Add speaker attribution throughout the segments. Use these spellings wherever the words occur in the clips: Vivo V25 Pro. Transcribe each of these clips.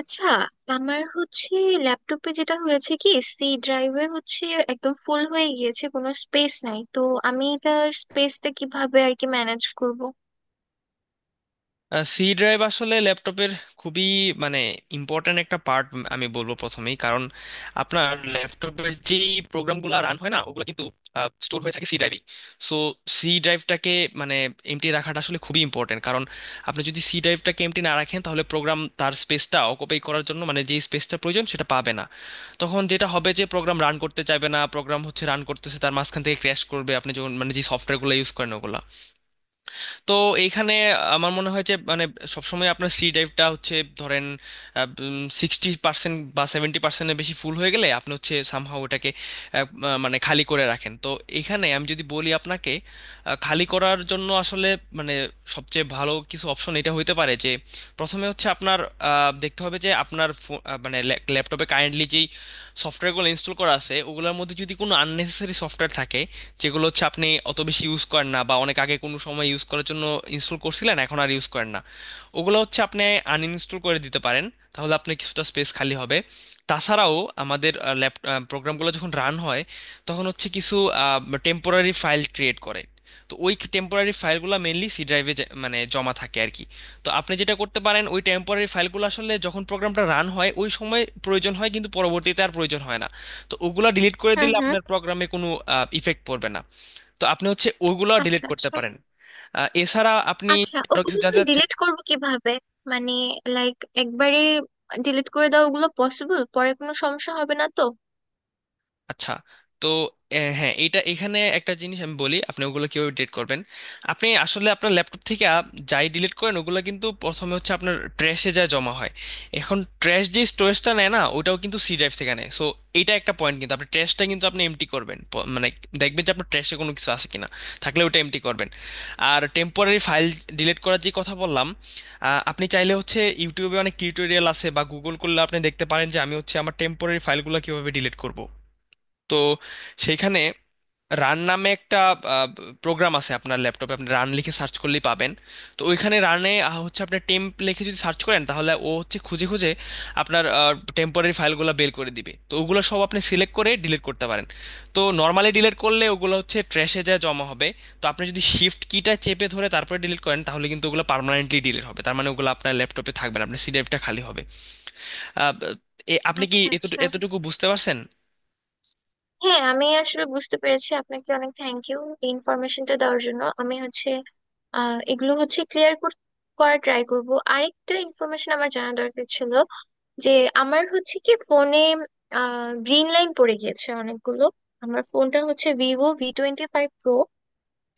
Speaker 1: আচ্ছা, আমার হচ্ছে ল্যাপটপে যেটা হয়েছে কি, সি ড্রাইভে হচ্ছে একদম ফুল হয়ে গিয়েছে, কোনো স্পেস নাই। তো আমি এটার স্পেসটা কিভাবে আর কি ম্যানেজ করব?
Speaker 2: সি ড্রাইভ আসলে ল্যাপটপের খুবই মানে ইম্পর্ট্যান্ট একটা পার্ট আমি বলবো প্রথমেই। কারণ আপনার ল্যাপটপের যেই প্রোগ্রামগুলো রান হয় না ওগুলো কিন্তু স্টোর হয়ে থাকে সি ড্রাইভে। সো সি ড্রাইভটাকে মানে এমটি রাখাটা আসলে খুবই ইম্পর্ট্যান্ট। কারণ আপনি যদি সি ড্রাইভটাকে এমটি না রাখেন তাহলে প্রোগ্রাম তার স্পেসটা অকুপাই করার জন্য মানে যেই স্পেসটা প্রয়োজন সেটা পাবে না। তখন যেটা হবে যে প্রোগ্রাম রান করতে চাইবে না, প্রোগ্রাম হচ্ছে রান করতেছে তার মাঝখান থেকে ক্র্যাশ করবে আপনি যখন মানে যে সফটওয়্যারগুলো ইউজ করেন ওগুলা। তো এইখানে আমার মনে হয় যে মানে সবসময় আপনার সি ড্রাইভটা হচ্ছে ধরেন 60% বা 70%-এর বেশি ফুল হয়ে গেলে আপনি হচ্ছে সামহাও ওটাকে আহ, আহ, মানে খালি করে রাখেন। তো এখানে আমি যদি বলি আপনাকে, খালি করার জন্য আসলে মানে সবচেয়ে ভালো কিছু অপশন এটা হইতে পারে যে প্রথমে হচ্ছে আপনার দেখতে হবে যে আপনার মানে ল্যাপটপে কারেন্টলি যেই সফটওয়্যারগুলো ইনস্টল করা আছে ওগুলোর মধ্যে যদি কোনো আননেসেসারি সফটওয়্যার থাকে, যেগুলো হচ্ছে আপনি অত বেশি ইউজ করেন না বা অনেক আগে কোনো সময় ইউজ করার জন্য ইনস্টল করছিলেন এখন আর ইউজ করেন না, ওগুলো হচ্ছে আপনি আনইনস্টল করে দিতে পারেন। তাহলে আপনার কিছুটা স্পেস খালি হবে। তাছাড়াও আমাদের ল্যাপ প্রোগ্রামগুলো যখন রান হয় তখন হচ্ছে কিছু টেম্পোরারি ফাইল ক্রিয়েট করে। তো ওই টেম্পোরারি ফাইলগুলো মেনলি সি ড্রাইভে মানে জমা থাকে আর কি। তো আপনি যেটা করতে পারেন, ওই টেম্পোরারি ফাইলগুলো আসলে যখন প্রোগ্রামটা রান হয় ওই সময় প্রয়োজন হয় কিন্তু পরবর্তীতে আর প্রয়োজন হয় না। তো ওগুলা ডিলিট করে
Speaker 1: হুম,
Speaker 2: দিলে
Speaker 1: হুম।
Speaker 2: আপনার প্রোগ্রামে কোনো ইফেক্ট পড়বে না। তো আপনি হচ্ছে ওগুলা ডিলিট
Speaker 1: আচ্ছা,
Speaker 2: করতে
Speaker 1: আচ্ছা।
Speaker 2: পারেন। এছাড়া আপনি
Speaker 1: আচ্ছা,
Speaker 2: আরো কিছু
Speaker 1: ওগুলো
Speaker 2: জানতে চাচ্ছেন?
Speaker 1: ডিলিট করব কিভাবে? মানে, লাইক, একবারে ডিলিট করে দাও ওগুলো পসিবল? পরে কোনো সমস্যা হবে না তো?
Speaker 2: আচ্ছা, তো হ্যাঁ এটা এখানে একটা জিনিস আমি বলি আপনি ওগুলো কিভাবে ডিলিট করবেন। আপনি আসলে আপনার ল্যাপটপ থেকে যাই ডিলিট করেন ওগুলো কিন্তু প্রথমে হচ্ছে আপনার ট্র্যাশে যা জমা হয়। এখন ট্র্যাশ যে স্টোরেজটা নেয় না ওটাও কিন্তু সি ড্রাইভ থেকে নেয়। সো এটা একটা পয়েন্ট, কিন্তু আপনি ট্র্যাশটা কিন্তু আপনি এমটি করবেন, মানে দেখবেন যে আপনার ট্র্যাশে কোনো কিছু আছে কিনা, থাকলে ওটা এমটি করবেন। আর টেম্পোরারি ফাইল ডিলিট করার যে কথা বললাম, আপনি চাইলে হচ্ছে ইউটিউবে অনেক টিউটোরিয়াল আছে বা গুগল করলে আপনি দেখতে পারেন যে আমি হচ্ছে আমার টেম্পোরারি ফাইলগুলো কিভাবে ডিলিট করব। তো সেইখানে রান নামে একটা প্রোগ্রাম আছে আপনার ল্যাপটপে, আপনি রান লিখে সার্চ করলেই পাবেন। তো ওইখানে রানে হচ্ছে আপনি টেম্প লিখে যদি সার্চ করেন তাহলে ও হচ্ছে খুঁজে খুঁজে আপনার টেম্পোরারি ফাইলগুলো বের করে দিবে। তো ওগুলো সব আপনি সিলেক্ট করে ডিলিট করতে পারেন। তো নর্মালি ডিলিট করলে ওগুলো হচ্ছে ট্র্যাশে যায় জমা হবে। তো আপনি যদি শিফট কিটা চেপে ধরে তারপরে ডিলিট করেন তাহলে কিন্তু ওগুলো পার্মানেন্টলি ডিলিট হবে, তার মানে ওগুলো আপনার ল্যাপটপে থাকবে না, আপনার সি ড্রাইভটা খালি হবে। আহ, এ- আপনি কি
Speaker 1: আচ্ছা,
Speaker 2: এতটু-
Speaker 1: আচ্ছা।
Speaker 2: এতটুকু বুঝতে পারছেন?
Speaker 1: হ্যাঁ, আমি আসলে বুঝতে পেরেছি, আপনাকে অনেক থ্যাংক ইউ এই ইনফরমেশনটা দেওয়ার জন্য। আমি হচ্ছে এগুলো হচ্ছে ক্লিয়ার করার ট্রাই করব। আরেকটা ইনফরমেশন আমার জানা দরকার ছিল যে আমার হচ্ছে কি ফোনে গ্রিন লাইন পড়ে গিয়েছে অনেকগুলো। আমার ফোনটা হচ্ছে ভিভো V25 প্রো।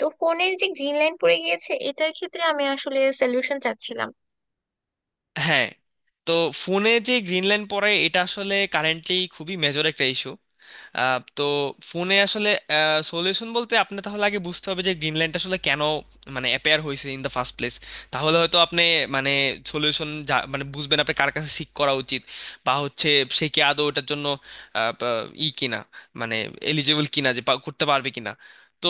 Speaker 1: তো ফোনের যে গ্রিন লাইন পড়ে গিয়েছে এটার ক্ষেত্রে আমি আসলে সলিউশন চাচ্ছিলাম।
Speaker 2: হ্যাঁ, তো ফোনে যে গ্রিন লাইন পড়ে এটা আসলে কারেন্টলি খুবই মেজর একটা ইস্যু। তো ফোনে আসলে সলিউশন বলতে আপনি তাহলে আগে বুঝতে হবে যে গ্রিন লাইনটা আসলে কেন মানে অ্যাপেয়ার হয়েছে ইন দ্য ফার্স্ট প্লেস। তাহলে হয়তো আপনি মানে সলিউশন মানে বুঝবেন আপনি কার কাছে সিক করা উচিত বা হচ্ছে সে কি আদৌ ওটার জন্য আহ, বা- ই কিনা, মানে এলিজেবল কিনা যে করতে পারবে কিনা। তো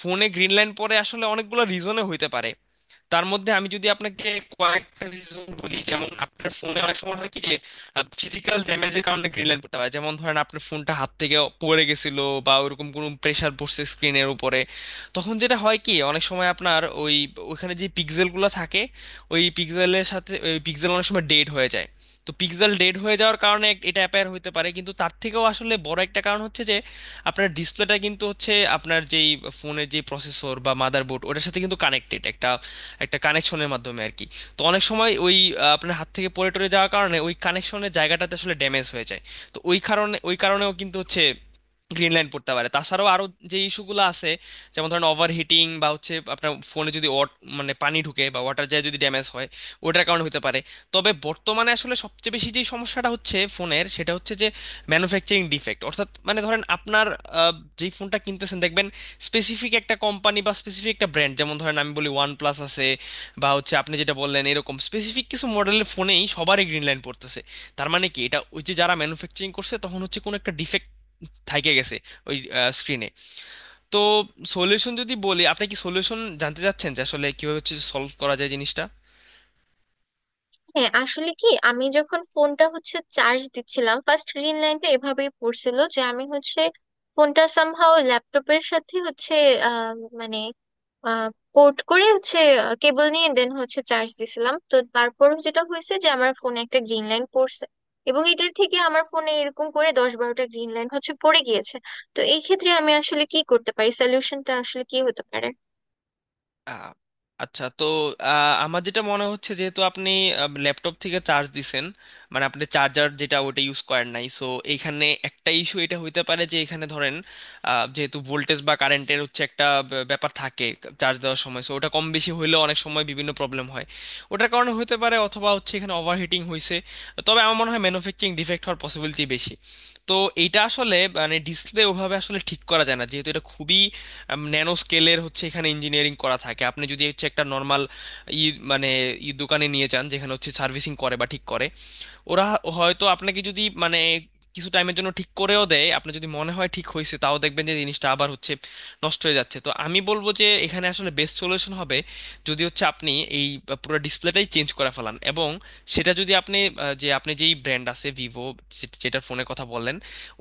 Speaker 2: ফোনে গ্রিন লাইন পরে আসলে অনেকগুলো রিজনে হইতে পারে। তার মধ্যে আমি যদি আপনাকে কয়েকটা রিজন বলি, যেমন আপনার ফোনে অনেক সময় হয় কি যে ফিজিক্যাল ড্যামেজের কারণে গ্রিন লাইট পড়তে পারে। যেমন ধরেন আপনার ফোনটা হাত থেকে পড়ে গেছিল বা ওরকম কোনো প্রেসার পড়ছে স্ক্রিনের উপরে, তখন যেটা হয় কি অনেক সময় আপনার ওই ওখানে যে পিক্সেলগুলো থাকে ওই পিক্সেলের সাথে ওই পিক্সেল অনেক সময় ডেড হয়ে যায়। তো পিক্সেল ডেড হয়ে যাওয়ার কারণে এটা অ্যাপায়ার হতে পারে। কিন্তু তার থেকেও আসলে বড় একটা কারণ হচ্ছে যে আপনার ডিসপ্লেটা কিন্তু হচ্ছে আপনার যেই ফোনের যে প্রসেসর বা মাদারবোর্ড ওটার সাথে কিন্তু কানেক্টেড একটা একটা কানেকশনের মাধ্যমে আর কি। তো অনেক সময় ওই আপনার হাত থেকে পড়ে টরে যাওয়ার কারণে ওই কানেকশনের জায়গাটাতে আসলে ড্যামেজ হয়ে যায়। তো ওই কারণেও কিন্তু হচ্ছে গ্রিন লাইন পড়তে পারে। তাছাড়াও আরো যে ইস্যুগুলো আছে, যেমন ধরেন ওভারহিটিং বা হচ্ছে আপনার ফোনে যদি মানে পানি ঢুকে বা ওয়াটার যায় যদি ড্যামেজ হয়, ওটার কারণে হতে পারে। তবে বর্তমানে আসলে সবচেয়ে বেশি যে সমস্যাটা হচ্ছে ফোনের সেটা হচ্ছে যে ম্যানুফ্যাকচারিং ডিফেক্ট। অর্থাৎ মানে ধরেন আপনার আহ, যেই ফোনটা কিনতেছেন দেখবেন স্পেসিফিক একটা কোম্পানি বা স্পেসিফিক একটা ব্র্যান্ড, যেমন ধরেন আমি বলি ওয়ান প্লাস আছে বা হচ্ছে আপনি যেটা বললেন এরকম স্পেসিফিক কিছু মডেলের ফোনেই সবারই গ্রিন লাইন পড়তেছে। তার মানে কি, এটা ওই যে যারা ম্যানুফ্যাকচারিং করছে তখন হচ্ছে কোনো একটা ডিফেক্ট থাইকে গেছে ওই স্ক্রিনে। তো সলিউশন যদি বলি, আপনি কি সলিউশন জানতে চাচ্ছেন যে আসলে কিভাবে হচ্ছে সলভ করা যায় জিনিসটা?
Speaker 1: হ্যাঁ, আসলে কি, আমি যখন ফোনটা হচ্ছে চার্জ দিচ্ছিলাম, ফার্স্ট গ্রিন লাইনটা এভাবেই পড়ছিল যে আমি হচ্ছে ফোনটা সামহাও ল্যাপটপের সাথে হচ্ছে আহ, মানে পোর্ট করে হচ্ছে কেবল নিয়ে দেন হচ্ছে চার্জ দিছিলাম। তো তারপর যেটা হয়েছে যে আমার ফোনে একটা গ্রিন লাইন পড়ছে, এবং এটার থেকে আমার ফোনে এরকম করে 10-12টা গ্রিন লাইন হচ্ছে পড়ে গিয়েছে। তো এই ক্ষেত্রে আমি আসলে কি করতে পারি, সলিউশনটা আসলে কি হতে পারে?
Speaker 2: আহ, আচ্ছা, তো আমার যেটা মনে হচ্ছে, যেহেতু আপনি ল্যাপটপ থেকে চার্জ দিছেন মানে আপনি চার্জার যেটা ওটা ইউজ করেন নাই, সো এইখানে একটা ইস্যু এটা হইতে পারে যে এখানে ধরেন যেহেতু ভোল্টেজ বা কারেন্টের হচ্ছে একটা ব্যাপার থাকে চার্জ দেওয়ার সময়, সো ওটা কম বেশি হইলেও অনেক সময় বিভিন্ন প্রবলেম হয়, ওটার কারণে হতে পারে অথবা হচ্ছে এখানে ওভারহিটিং হয়েছে। তবে আমার মনে হয় ম্যানুফ্যাকচারিং ডিফেক্ট হওয়ার পসিবিলিটি বেশি। তো এইটা আসলে মানে ডিসপ্লে ওভাবে আসলে ঠিক করা যায় না, যেহেতু এটা খুবই ন্যানো স্কেলের হচ্ছে এখানে ইঞ্জিনিয়ারিং করা থাকে। আপনি যদি হচ্ছে একটা নর্মাল ই মানে ই দোকানে নিয়ে যান যেখানে হচ্ছে সার্ভিসিং করে বা ঠিক করে, ওরা হয়তো আপনাকে যদি মানে কিছু টাইমের জন্য ঠিক করেও দেয় আপনার যদি মনে হয় ঠিক হয়েছে, তাও দেখবেন যে জিনিসটা আবার হচ্ছে নষ্ট হয়ে যাচ্ছে। তো আমি বলবো যে এখানে আসলে বেস্ট সলিউশন হবে যদি হচ্ছে আপনি এই পুরো ডিসপ্লেটাই চেঞ্জ করে ফেলান। এবং সেটা যদি আপনি যে আপনি যেই ব্র্যান্ড আছে ভিভো যেটার ফোনের কথা বললেন,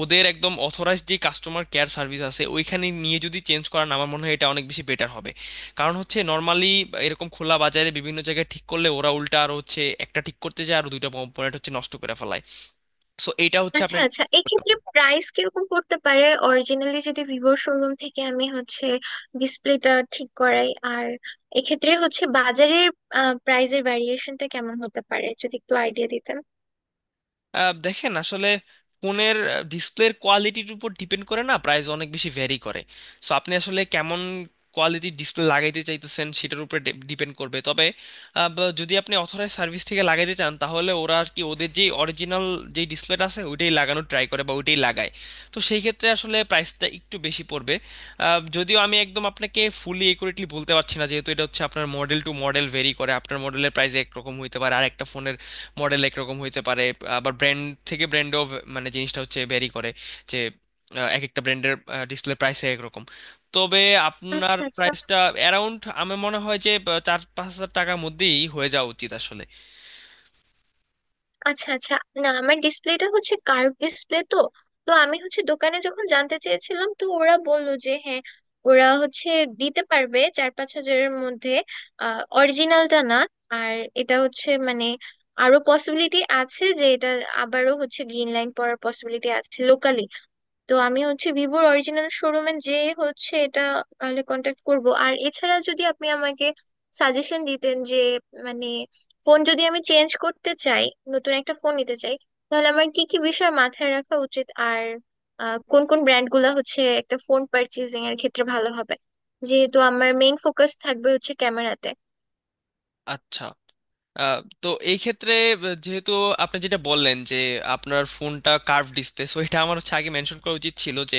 Speaker 2: ওদের একদম অথরাইজড যে কাস্টমার কেয়ার সার্ভিস আছে ওইখানে নিয়ে যদি চেঞ্জ করান আমার মনে হয় এটা অনেক বেশি বেটার হবে। কারণ হচ্ছে নর্মালি এরকম খোলা বাজারে বিভিন্ন জায়গায় ঠিক করলে ওরা উল্টা আর হচ্ছে একটা ঠিক করতে যায় আর দুইটা কম্পোনেন্ট হচ্ছে নষ্ট করে ফেলায়। সো এটা হচ্ছে
Speaker 1: আচ্ছা,
Speaker 2: আপনার।
Speaker 1: আচ্ছা। এক্ষেত্রে প্রাইস কিরকম পড়তে পারে অরিজিনালি যদি ভিভোর শোরুম থেকে আমি হচ্ছে ডিসপ্লেটা ঠিক করাই, আর এক্ষেত্রে হচ্ছে বাজারের প্রাইসের ভ্যারিয়েশনটা কেমন হতে পারে যদি একটু আইডিয়া দিতেন।
Speaker 2: দেখেন আসলে ফোনের ডিসপ্লের কোয়ালিটির উপর ডিপেন্ড করে না, প্রাইস অনেক বেশি ভ্যারি করে। সো আপনি আসলে কেমন কোয়ালিটির ডিসপ্লে লাগাইতে চাইতেছেন সেটার উপরে ডিপেন্ড করবে। তবে যদি আপনি অথরাইজ সার্ভিস থেকে লাগাইতে চান তাহলে ওরা আর কি ওদের যে অরিজিনাল যে ডিসপ্লেটা আছে ওইটাই লাগানোর ট্রাই করে বা ওইটাই লাগায়। তো সেই ক্ষেত্রে আসলে প্রাইসটা একটু বেশি পড়বে। যদিও আমি একদম আপনাকে ফুলি একুরেটলি বলতে পারছি না, যেহেতু এটা হচ্ছে আপনার মডেল টু মডেল ভেরি করে। আপনার মডেলের প্রাইস একরকম হইতে পারে আর একটা ফোনের মডেল একরকম হইতে পারে। আবার ব্র্যান্ড থেকে ব্র্যান্ডও মানে জিনিসটা হচ্ছে ভ্যারি করে যে এক একটা ব্র্যান্ডের ডিসপ্লে প্রাইস একরকম। তবে আপনার
Speaker 1: আচ্ছা, আচ্ছা।
Speaker 2: প্রাইসটা অ্যারাউন্ড আমার মনে হয় যে 4-5 হাজার টাকার মধ্যেই হয়ে যাওয়া উচিত আসলে।
Speaker 1: আচ্ছা, আচ্ছা। না, আমার ডিসপ্লেটা হচ্ছে কার্ভ ডিসপ্লে তো। তো আমি হচ্ছে দোকানে যখন জানতে চেয়েছিলাম তো ওরা বললো যে হ্যাঁ, ওরা হচ্ছে দিতে পারবে 4-5 হাজারের মধ্যে। অরিজিনালটা না। আর এটা হচ্ছে মানে আরো পসিবিলিটি আছে যে এটা আবারও হচ্ছে গ্রিন লাইন পড়ার পসিবিলিটি আছে লোকালি। তো আমি হচ্ছে ভিভোর অরিজিনাল শোরুমে যে হচ্ছে এটা, তাহলে কন্ট্যাক্ট করব। আর এছাড়া যদি আপনি আমাকে সাজেশন দিতেন যে মানে ফোন যদি আমি চেঞ্জ করতে চাই, নতুন একটা ফোন নিতে চাই, তাহলে আমার কি কি বিষয় মাথায় রাখা উচিত, আর কোন কোন ব্র্যান্ড গুলা হচ্ছে একটা ফোন পারচেজিং এর ক্ষেত্রে ভালো হবে, যেহেতু আমার মেইন ফোকাস থাকবে হচ্ছে ক্যামেরাতে।
Speaker 2: আচ্ছা, তো এই ক্ষেত্রে যেহেতু আপনি যেটা বললেন যে আপনার ফোনটা কার্ভ ডিসপ্লে, সো এটা আমার হচ্ছে আগে মেনশন করা উচিত ছিল যে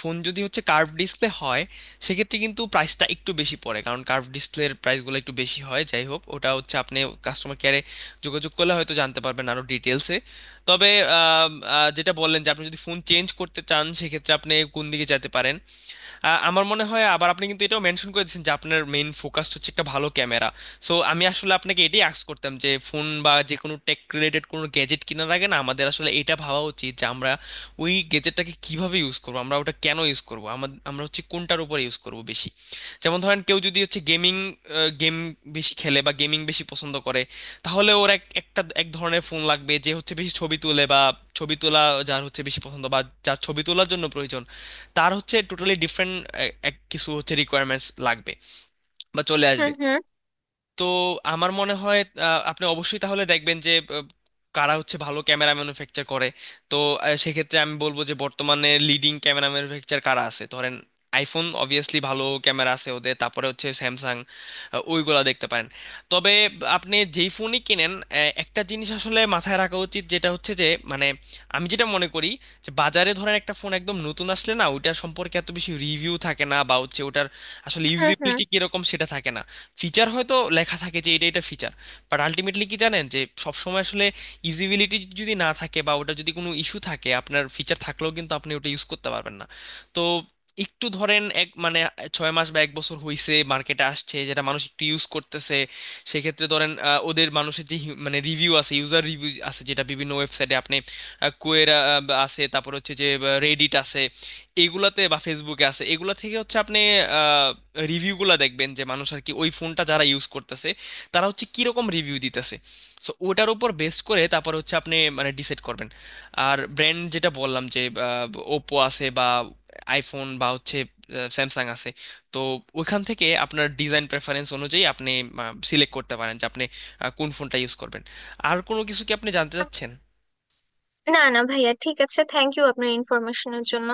Speaker 2: ফোন যদি হচ্ছে কার্ভ ডিসপ্লে হয় সেক্ষেত্রে কিন্তু প্রাইসটা একটু বেশি পড়ে, কারণ কার্ভ ডিসপ্লের প্রাইসগুলো একটু বেশি হয়। যাই হোক ওটা হচ্ছে আপনি কাস্টমার কেয়ারে যোগাযোগ করলে হয়তো জানতে পারবেন আরো ডিটেলসে। তবে আম, যেটা বললেন যে আপনি যদি ফোন চেঞ্জ করতে চান সেক্ষেত্রে আপনি কোন দিকে যেতে পারেন, আমার মনে হয় আবার আপনি কিন্তু এটাও মেনশন করে দিয়েছেন যে আপনার মেইন ফোকাস হচ্ছে একটা ভালো ক্যামেরা। সো আমি আসলে আপনাকে এটাই আস্ক করতাম যে ফোন বা যে কোনো টেক রিলেটেড কোনো গ্যাজেট কেনার আগে না আমাদের আসলে এটা ভাবা উচিত যে আমরা ওই গ্যাজেটটাকে কিভাবে ইউজ করবো, আমরা ওটা কেন ইউজ করবো, আমরা হচ্ছে কোনটার উপরে ইউজ করবো বেশি। যেমন ধরেন কেউ যদি হচ্ছে গেম বেশি খেলে বা গেমিং বেশি পছন্দ করে তাহলে ওর এক একটা এক ধরনের ফোন লাগবে। যে হচ্ছে বেশি ছবি তোলে বা ছবি তোলা যার হচ্ছে বেশি পছন্দ বা যার ছবি তোলার জন্য প্রয়োজন, তার হচ্ছে টোটালি ডিফারেন্ট কিছু হচ্ছে রিকোয়ারমেন্টস লাগবে বা চলে আসবে।
Speaker 1: হুম, হুম।
Speaker 2: তো আমার মনে হয় আপনি অবশ্যই তাহলে দেখবেন যে কারা হচ্ছে ভালো ক্যামেরা ম্যানুফ্যাকচার করে। তো সেক্ষেত্রে আমি বলবো যে বর্তমানে লিডিং ক্যামেরা ম্যানুফ্যাকচার কারা আছে ধরেন আইফোন, অবভিয়াসলি ভালো ক্যামেরা আছে ওদের, তারপরে হচ্ছে স্যামসাং, ওইগুলা দেখতে পারেন। তবে আপনি যেই ফোনই কিনেন একটা জিনিস আসলে মাথায় রাখা উচিত, যেটা হচ্ছে যে মানে আমি যেটা মনে করি যে বাজারে ধরেন একটা ফোন একদম নতুন আসলে না ওইটা সম্পর্কে এত বেশি রিভিউ থাকে না বা হচ্ছে ওটার আসলে
Speaker 1: হুম, হুম।
Speaker 2: ইউজিবিলিটি কিরকম সেটা থাকে না। ফিচার হয়তো লেখা থাকে যে এটা এটা ফিচার, বাট আলটিমেটলি কি জানেন যে সবসময় আসলে ইউজিবিলিটি যদি না থাকে বা ওটা যদি কোনো ইস্যু থাকে আপনার ফিচার থাকলেও কিন্তু আপনি ওটা ইউজ করতে পারবেন না। তো একটু ধরেন এক মানে 6 মাস বা 1 বছর হইছে মার্কেটে আসছে যেটা মানুষ একটু ইউজ করতেছে, সেক্ষেত্রে ধরেন ওদের মানুষের যে মানে রিভিউ আছে ইউজার রিভিউ আছে যেটা বিভিন্ন ওয়েবসাইটে আপনি কোয়েরা আছে তারপর হচ্ছে যে রেডিট আছে এগুলাতে বা ফেসবুকে আছে, এগুলা থেকে হচ্ছে আপনি রিভিউগুলা দেখবেন যে মানুষ আর কি ওই ফোনটা যারা ইউজ করতেছে তারা হচ্ছে কিরকম রিভিউ দিতেছে। সো ওটার উপর বেস করে তারপর হচ্ছে আপনি মানে ডিসাইড করবেন। আর ব্র্যান্ড যেটা বললাম যে ওপো আছে বা আইফোন বা হচ্ছে স্যামসাং আছে, তো ওইখান থেকে আপনার ডিজাইন প্রেফারেন্স অনুযায়ী আপনি সিলেক্ট করতে পারেন যে আপনি কোন ফোনটা ইউজ করবেন। আর কোনো কিছু কি আপনি জানতে চাচ্ছেন?
Speaker 1: না না ভাইয়া, ঠিক আছে, থ্যাংক ইউ আপনার ইনফরমেশনের জন্য।